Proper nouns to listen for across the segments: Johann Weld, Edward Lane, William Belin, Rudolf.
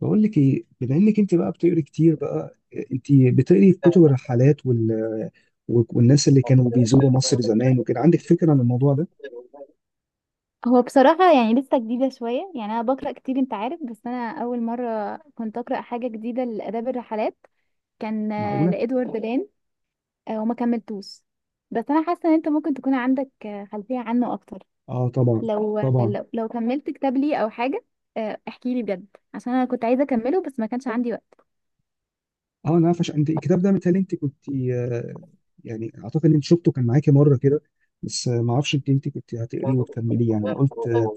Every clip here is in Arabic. بقول لك ايه؟ بما انك انت بقى بتقري كتير بقى، انت بتقري كتب الرحلات والناس اللي كانوا بيزوروا مصر زمان وكده، عندك فكره عن الموضوع ده؟ هو بصراحة، يعني لسه جديدة شوية. يعني أنا بقرأ كتير أنت عارف، بس أنا أول مرة كنت أقرأ حاجة جديدة لآداب الرحلات. كان معقوله. لإدوارد لين. وما كملتوش. بس أنا حاسة إن أنت ممكن تكون عندك خلفية عنه أكتر. اه طبعا، طبعا. لو كملت كتاب لي أو حاجة. احكي لي بجد، عشان أنا كنت عايزة أكمله بس ما كانش عندي وقت. اه انا عارف، عشان انت الكتاب ده مثال، انت كنت يعني اعتقد ان انت شفته، كان معاكي مره كده، بس ما اعرفش انت كنت هتقريه أنا وتكمليه، يعني انا قلت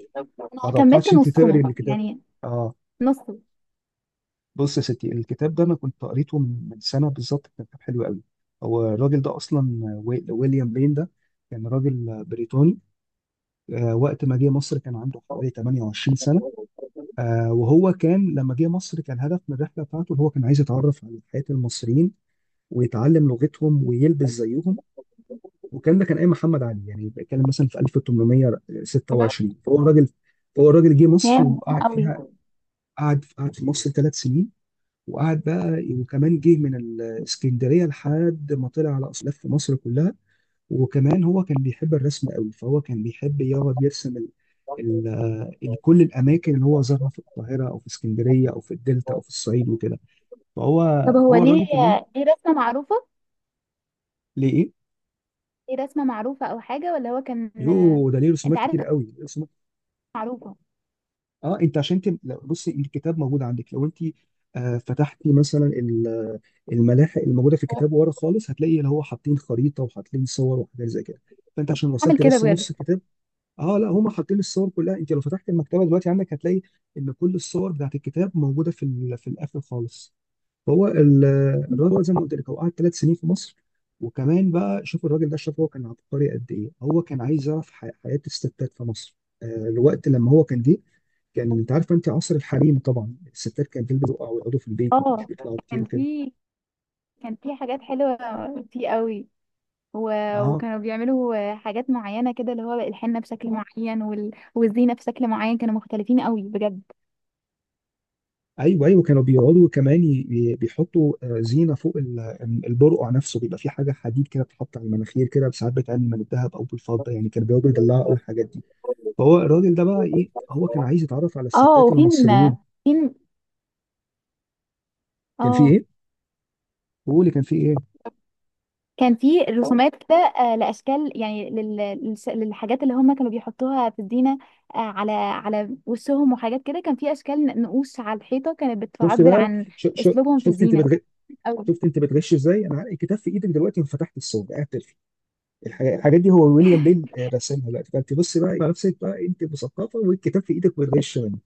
ما كملت توقعتش انت تقري نصه الكتاب. يعني، اه. نصه. بص يا ستي، الكتاب ده انا كنت قريته من سنه بالظبط، كان كتاب حلو قوي. هو الراجل ده اصلا ويليام بلين ده كان راجل بريطاني. وقت ما جه مصر كان عنده حوالي 28 سنه. وهو كان لما جه مصر كان هدف من الرحله بتاعته ان هو كان عايز يتعرف على حياه المصريين، ويتعلم لغتهم، ويلبس زيهم. والكلام ده كان ايام محمد علي، يعني بيتكلم مثلا في 1826، فهو راجل جه هي مصر مهمة وقعد قوي. فيها. قعد في مصر ثلاث سنين، وقعد بقى، وكمان جه من الاسكندريه لحد ما طلع على اصل لف مصر كلها. وكمان هو كان بيحب الرسم قوي، فهو كان بيحب يقعد يرسم كل الاماكن اللي هو زارها في القاهره او في اسكندريه او في الدلتا او في الصعيد وكده. طب فهو هو فهو ليه الراجل كمان رسمة معروفة؟ ليه ايه؟ ايه رسمة معروفة او حاجة؟ ولا هو كان يو ده ليه انت رسومات عارف كتير قوي، رسومات. معروفة؟ اه انت عشان بصي الكتاب موجود عندك، لو انت آه فتحتي مثلا الملاحق الموجوده في الكتاب ورا خالص، هتلاقي اللي هو حاطين خريطه وحاطين صور وحاجات زي كده، فانت عشان عامل وصلت كده بس بجد؟ نص الكتاب. اه لا، هم حاطين الصور كلها. انت لو فتحت المكتبه دلوقتي عندك هتلاقي ان كل الصور بتاعت الكتاب موجوده في في الاخر خالص. هو ال- الراجل زي ما قلت لك، هو قعد ثلاث سنين في مصر، وكمان بقى شوف الراجل ده شاف، هو كان عبقري قد ايه! هو كان عايز يعرف حياة الستات في مصر. الوقت لما هو كان جه، كان انت عارفه، انت عصر الحريم طبعا الستات كانت تلبس بقى ويقعدوا في البيت، ما كانوش اه بيطلعوا كتير كان وكده. في كان في حاجات حلوة فيه قوي. و... اه. وكانوا بيعملوا حاجات معينة كده، اللي هو الحنة بشكل معين والزينة بشكل معين. كانوا مختلفين قوي بجد. ايوه، ايوه، كانوا بيقعدوا كمان بيحطوا زينه فوق البرقع نفسه، بيبقى في حاجه حديد كده بتتحط على المناخير كده، ساعات بتعمل من الذهب او بالفضه، يعني كانوا بيقعدوا يدلعوا قوي الحاجات دي. فهو الراجل ده بقى ايه، هو كان عايز يتعرف على اه الستات وفين المصريين. فين؟ كان في اه ايه؟ قولي كان في ايه؟ كان في اه رسومات كده، لاشكال، يعني للحاجات اللي هم كانوا بيحطوها في الزينه، على وشهم وحاجات كده. كان في اشكال نقوش على الحيطه كانت شفت بتعبر بقى. عن ش... ش... اسلوبهم في شفت انت الزينه. بتغ... أو شفت انت بتغش ازاي؟ انا الكتاب في ايدك دلوقتي وفتحت الصور، قاعد تلفي الحاجات دي هو ويليام بيل رسمها دلوقتي، فانت بص بقى على نفسك بقى، انت مثقفه والكتاب في ايدك بتغش منه.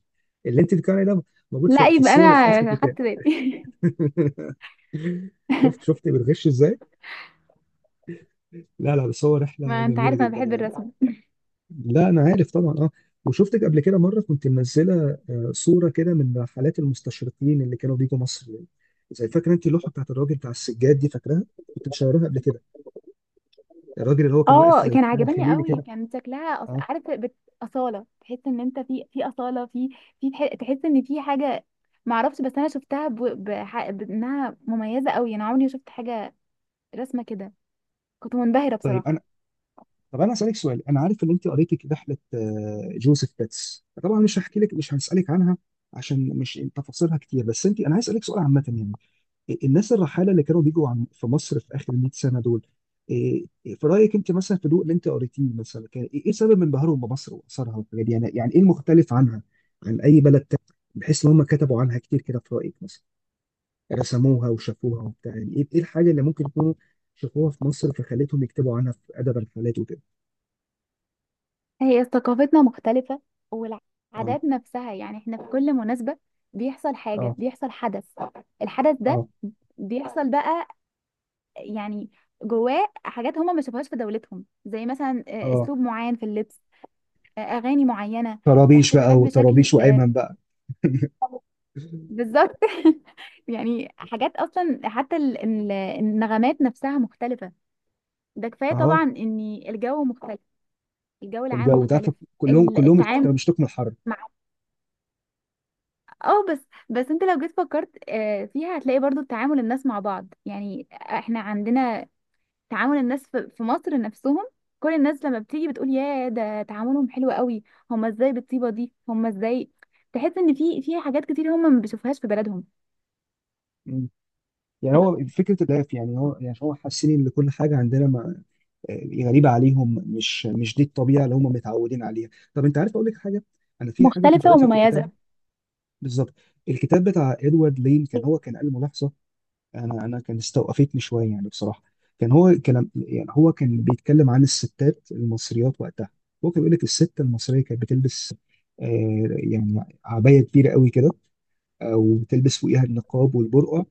اللي انت بتتكلم عليه ده موجود لا في يبقى الصور اللي في اخر انا الكتاب. خدت بالي. شفت، شفت بتغش ازاي؟ لا لا، بس هو رحله ما انت جميله عارف انا جدا بحب يعني. الرسم. لا انا عارف طبعا، اه. وشفتك قبل كده مره كنت منزله صوره كده من رحلات المستشرقين اللي كانوا بيجوا مصر يعني. زي، فاكره انت اللوحه بتاعت الراجل بتاع السجاد دي؟ فاكراها؟ كنت مشاوراها قبل كده، الراجل اللي هو كان واقف اه زي في كان خان عجباني الخليلي قوي. كده. كان شكلها اه. اصاله. تحس ان انت في اصاله، في تحس ان في حاجه. معرفش، بس انا شفتها بانها مميزه قوي. انا عمري ما شفت حاجه رسمه كده، كنت منبهرة طيب انا بصراحة. طب انا اسالك سؤال، انا عارف ان انت قريتي رحله جوزيف بيتس، طبعا مش هحكي لك، مش هسالك عنها عشان مش تفاصيلها كتير، بس انت، انا عايز اسالك سؤال عامه يعني، الناس الرحاله اللي كانوا بيجوا في مصر في اخر 100 سنه دول، إيه- إيه، في رايك انت مثلا في ضوء اللي انت قريتيه مثلا، كان ايه سبب انبهارهم بمصر واثارها والحاجات دي؟ يعني ايه المختلف عنها عن اي بلد تاني، بحيث ان هم كتبوا عنها كتير كده؟ في رايك مثلا رسموها وشافوها وبتاع، يعني ايه الحاجه اللي ممكن يكونوا شافوها في مصر فخلتهم يكتبوا عنها في ادب الرحلات وكده؟ هي ثقافتنا مختلفة، اه. والعادات نفسها. يعني احنا في كل مناسبة بيحصل حاجة، اه. بيحصل حدث. الحدث ده اه. بيحصل بقى، يعني جواه حاجات هما ما شافوهاش في دولتهم، زي مثلا اه. اسلوب معين في اللبس، اغاني معينة، طرابيش بقى، احتفالات وطرابيش، بشكل وأيمن بقى. بالظبط. يعني حاجات اصلا، حتى النغمات نفسها مختلفة. ده كفاية طبعا اه. ان الجو مختلف، الجو العام الجو ده، مختلف. كلهم، كلهم التعامل. كانوا بيشتكوا من الحر. اه بس. بس انت لو جيت فكرت فيها هتلاقي برضو تعامل الناس مع بعض. يعني احنا عندنا تعامل الناس في مصر نفسهم. كل الناس لما بتيجي بتقول يا ده تعاملهم حلو قوي، هما ازاي بالطيبة دي؟ هما ازاي؟ تحس ان في حاجات كتير هما ما بيشوفوهاش في بلدهم. يعني هو فكرة الراب، يعني هو، يعني هو حاسين ان كل حاجة عندنا، ما غريبة عليهم، مش دي الطبيعة اللي هم متعودين عليها. طب انت عارف اقول لك حاجة، انا في حاجة كنت مختلفة قريتها في الكتاب. ومميزة. بالظبط. الكتاب بتاع ادوارد لين، كان هو كان قال ملاحظة، انا كان استوقفتني شوية يعني بصراحة. كان هو كان بيتكلم عن الستات المصريات وقتها. هو كان بيقول لك الست المصرية كانت بتلبس يعني عباية كبيرة قوي كده، وبتلبس فوقيها النقاب والبرقع.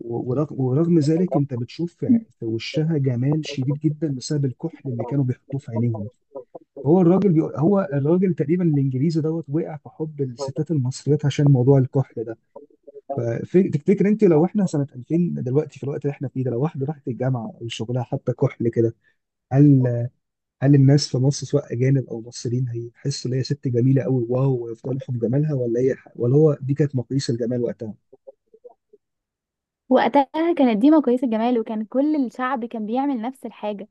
ورغم ذلك انت بتشوف في وشها جمال شديد جدا بسبب الكحل اللي كانوا بيحطوه في عينيهم. هو الراجل بيقول، هو الراجل تقريبا الانجليزي دوت وقع في حب الستات المصريات عشان موضوع الكحل ده. فتفتكر انت لو احنا سنة 2000 دلوقتي، في الوقت اللي احنا فيه ده، لو واحدة راحت الجامعة او شغلها حتى كحل كده، هل، هل الناس في مصر سواء اجانب او مصريين هيحسوا ان هي ست جميلة قوي، واو، ويفضلوا في جمالها، ولا هي، ولا هو دي كانت مقاييس الجمال وقتها؟ وقتها كانت ديما كويس الجمال، وكان كل الشعب كان بيعمل نفس الحاجة.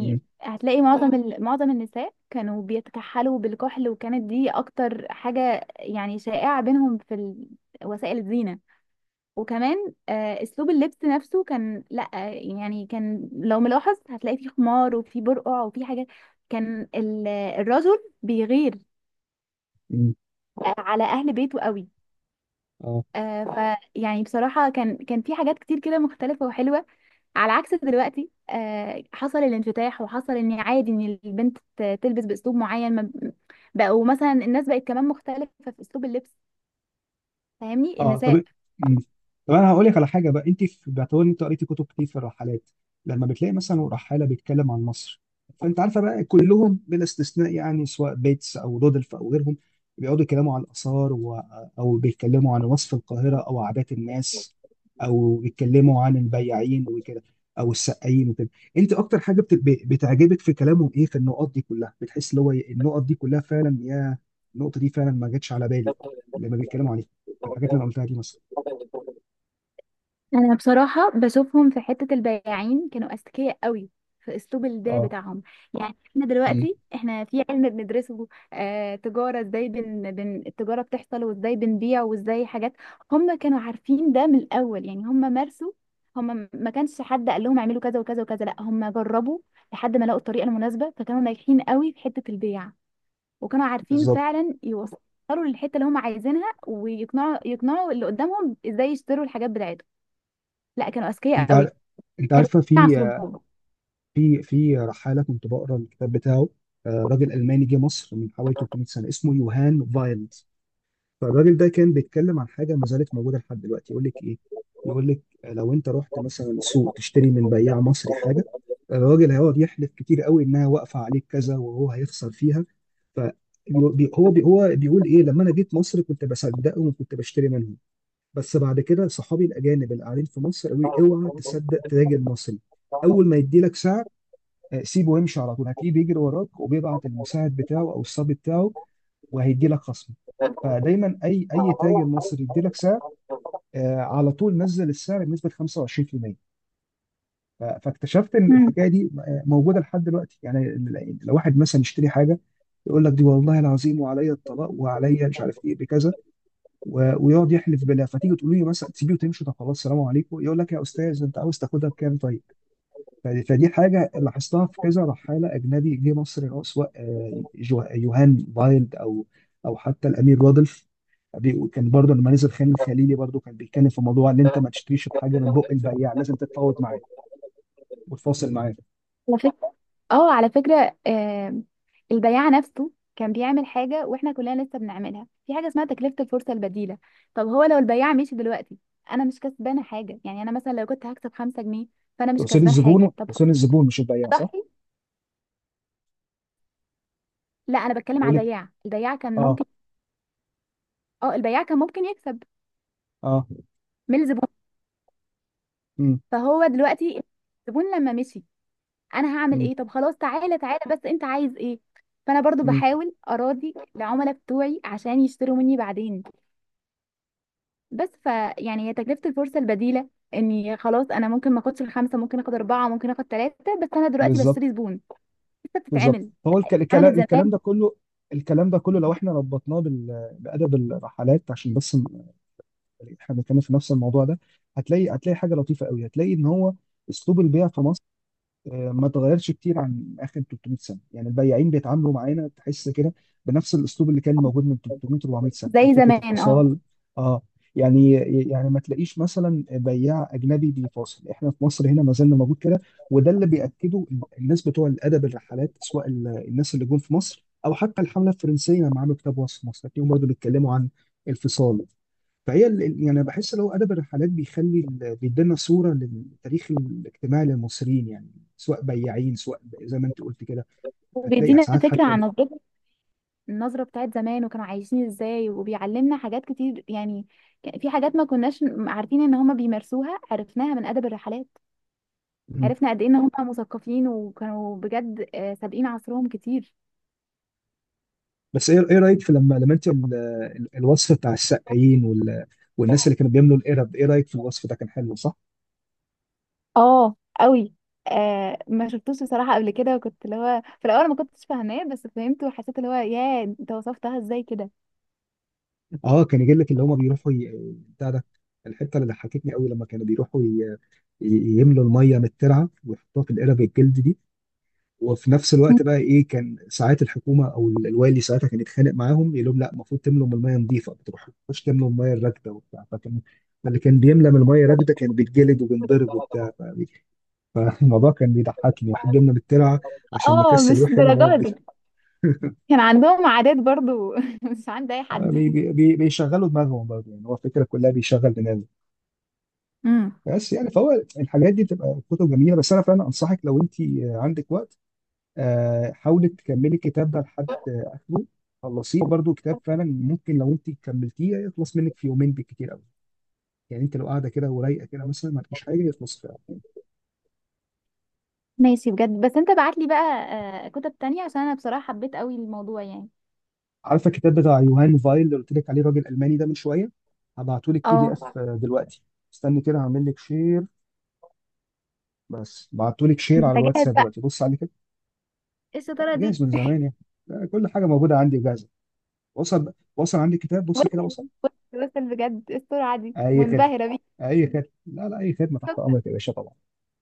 امم، هتلاقي معظم النساء كانوا بيتكحلوا بالكحل، وكانت دي اكتر حاجة يعني شائعة بينهم في وسائل الزينة. وكمان اسلوب اللبس نفسه كان لا يعني، كان لو ملاحظ هتلاقي فيه خمار وفيه برقع وفيه حاجات. كان الرجل بيغير امم، على اهل بيته قوي. اه، ف يعني بصراحة كان في حاجات كتير كده مختلفة وحلوة، على عكس دلوقتي. حصل الانفتاح، وحصل ان عادي ان البنت تلبس باسلوب معين. بقوا مثلا الناس بقت كمان مختلفة في اسلوب اللبس. فاهمني؟ اه، النساء. طب، مم. طب انا هقول لك على حاجه بقى، انت في باعتبار ان انت قريتي كتب كتير في الرحلات، لما بتلاقي مثلا رحاله بيتكلم عن مصر، فانت عارفه بقى كلهم بلا استثناء يعني، سواء بيتس او رودلف او غيرهم، بيقعدوا يتكلموا عن الاثار او بيتكلموا عن وصف القاهره او عادات الناس، او بيتكلموا عن البياعين وكده، او السقايين وكده، انت اكتر حاجه بتعجبك في كلامهم ايه في النقط دي كلها؟ بتحس اللي هو النقط دي كلها فعلا، يا النقطه دي فعلا ما جاتش على بالي لما بيتكلموا عليها، الحاجات اللي انا قلتها دي مثلا. انا بصراحه بشوفهم في حته البياعين كانوا اذكياء قوي في اسلوب البيع اه. بتاعهم. يعني احنا امم. دلوقتي احنا في علم بندرسه آه تجاره، ازاي بن بن التجاره بتحصل، وازاي بنبيع، وازاي حاجات. هم كانوا عارفين ده من الاول، يعني هم مارسوا، هم ما كانش حد قال لهم اعملوا كذا وكذا وكذا، لا هم جربوا لحد ما لقوا الطريقه المناسبه، فكانوا ناجحين قوي في حته البيع. وكانوا عارفين بالظبط. فعلا يوصلوا للحته اللي هم عايزينها، ويقنعوا اللي قدامهم ازاي يشتروا الحاجات بتاعتهم. لا كانوا اذكياء انت عار- قوي، انت كانوا عارفه، في عصرهم. في في رحاله كنت بقرا الكتاب بتاعه، راجل الماني جه مصر من حوالي 300 سنه اسمه يوهان فايلد. فالراجل ده كان بيتكلم عن حاجه ما زالت موجوده لحد دلوقتي، يقول لك ايه، يقول لك لو انت رحت مثلا سوق تشتري من بياع مصري حاجه، الراجل هيقعد يحلف كتير قوي انها واقفه عليك كذا وهو هيخسر فيها. ف بي- هو بيقول ايه، لما انا جيت مصر كنت بصدقه وكنت بشتري منه، بس بعد كده صحابي الاجانب اللي قاعدين في مصر قالوا لي اوعى تصدق تاجر مصري، اول ما يدي لك سعر سيبه وامشي، على طول هتلاقيه بيجري وراك وبيبعت المساعد بتاعه او الصبي بتاعه وهيدي لك خصم. فدايما اي تاجر مصري يدي لك سعر على طول نزل السعر بنسبه 25%. فاكتشفت ان امم. الحكايه دي موجوده لحد دلوقتي، يعني لو واحد مثلا يشتري حاجه يقول لك دي والله العظيم وعليا الطلاق وعليا مش عارف ايه بكذا، ويقعد يحلف بالله، فتيجي تقولي له مثلا تسيبيه وتمشي، طب خلاص سلام عليكم، يقول لك يا استاذ انت عاوز تاخدها بكام طيب. فدي حاجه لاحظتها في كذا رحاله اجنبي جه مصر، اللي هو سواء يوهان بايلد، او او حتى الامير رودلف، كان برضه لما نزل خان الخليلي برضه كان بيتكلم في موضوع ان انت ما تشتريش الحاجه من بق البياع، لازم تتفاوض معاه وتفاصل معاه. على فكرة. اه على فكرة آه، البياع نفسه كان بيعمل حاجة واحنا كلنا لسه بنعملها، في حاجة اسمها تكلفة الفرصة البديلة. طب هو لو البياع مشي دلوقتي انا مش كسبانة حاجة. يعني انا مثلا لو كنت هكسب خمسة جنيه، فانا مش كسبان حاجة. طب هو تقصد الزبون مش البياع صح؟ ضحي. لا انا بتكلم بقول على لك. البياع، البياع كان اه. ممكن. اه البياع كان ممكن يكسب اه. من الزبون. امم. فهو دلوقتي الزبون لما مشي انا هعمل ايه؟ طب خلاص تعالى تعالى بس انت عايز ايه؟ فانا برضو امم. بحاول اراضي العملاء بتوعي عشان يشتروا مني بعدين. بس ف يعني هي تكلفه الفرصه البديله. اني خلاص انا ممكن ما اخدش الخمسه، ممكن اخد اربعه، ممكن اخد ثلاثه، بس انا دلوقتي بالظبط. بشتري زبون. لسه بالظبط. بتتعمل، فهو عملت زمان. الكلام ده كله، لو احنا ربطناه بأدب الرحلات عشان بس احنا بنتكلم في نفس الموضوع ده، هتلاقي، حاجة لطيفة قوي، هتلاقي ان هو اسلوب البيع في مصر ما اتغيرش كتير عن اخر 300 سنه، يعني البياعين بيتعاملوا معانا تحس كده بنفس الاسلوب اللي كان موجود من 300 400 سنه، يعني زي فكره زمان اه. الفصال. اه. يعني، ما تلاقيش مثلا بياع اجنبي بيفاصل، احنا في مصر هنا ما زلنا موجود كده. وده اللي بياكده الناس بتوع الادب الرحلات، سواء الناس اللي جم في مصر، او حتى الحمله الفرنسيه لما عملوا كتاب وصف مصر، هتلاقيهم برضه بيتكلموا عن الفصال. فهي يعني بحس لو ادب الرحلات بيخلي بيدينا صوره للتاريخ الاجتماعي للمصريين يعني، سواء بياعين، سواء زي ما انت قلت كده هتلاقي بيدينا ساعات فكره حتى عن نظرتنا، النظره بتاعت زمان وكانوا عايشين ازاي، وبيعلمنا حاجات كتير يعني. في حاجات ما كناش عارفين ان هما بيمارسوها عرفناها من ادب الرحلات. مم. عرفنا قد ايه ان هم مثقفين وكانوا بجد سابقين عصرهم كتير. بس ايه، رايك في لما، انت الوصف بتاع السقايين والناس اللي كانوا بيملوا القرب، ايه رايك في الوصف ده؟ كان حلو صح؟ اه قوي. آه ما شفتوش بصراحة قبل كده، وكنت اللي هو في الأول ما كنتش فاهماه بس فهمته، وحسيت اللي هو ياه انت وصفتها ازاي كده. اه كان يجي لك اللي هم بيروحوا بتاع ده، الحته اللي ضحكتني قوي لما كانوا بيروحوا يملوا الميه من الترعه ويحطوها في القرب الجلد دي، وفي نفس الوقت بقى ايه، كان ساعات الحكومه او الوالي ساعتها كان يتخانق معاهم يقول لهم لا المفروض تملوا من الميه نظيفه، ما تروحوش تملوا من الميه الراكده وبتاع، فكان، فاللي كان بيملى من الميه الراكده كان بيتجلد وبينضرب وبتاع. فالموضوع كان بيضحكني، واحد جبنا بالترعه عشان اه نكسل مش يروح يملى ميه الدرجات دي. نظيفه. كان عندهم عادات برضو مش عند أي حد. بيشغلوا دماغهم برضه، يعني هو الفكره كلها بيشغل دماغه. امم. بس يعني فهو الحاجات دي بتبقى كتب جميله. بس انا فعلا انصحك لو انت عندك وقت، حاولي تكملي الكتاب ده لحد اخره، خلصيه برضو، كتاب فعلا ممكن لو انت كملتيه يخلص منك في يومين بالكتير قوي، يعني انت لو قاعده كده ورايقه كده مثلا ما فيش حاجه يخلص في يوم. ماشي بجد. بس انت بعت لي بقى كتب تانية، عشان انا بصراحة حبيت قوي الموضوع يعني. عارفه الكتاب بتاع يوهان فايل اللي قلت لك عليه، الراجل الالماني ده من شويه؟ هبعتهولك بي دي اه. اف دلوقتي. استني كده هعمل لك شير. بس، بعتهولك شير انت على جاهز الواتساب بقى؟ دلوقتي، بص عليه كده. ايه لا، الشطارة دي؟ جاهز من زمان يعني. لا، كل حاجه موجوده عندي جاهزه. وصل، وصل عندي الكتاب، بص كده، وصل وصل. وصل، وصل بجد. ايه السرعة دي؟ اي خدمه. منبهرة اي خدمه، لا لا، اي خدمه تحت بيك. امرك يا باشا طبعا.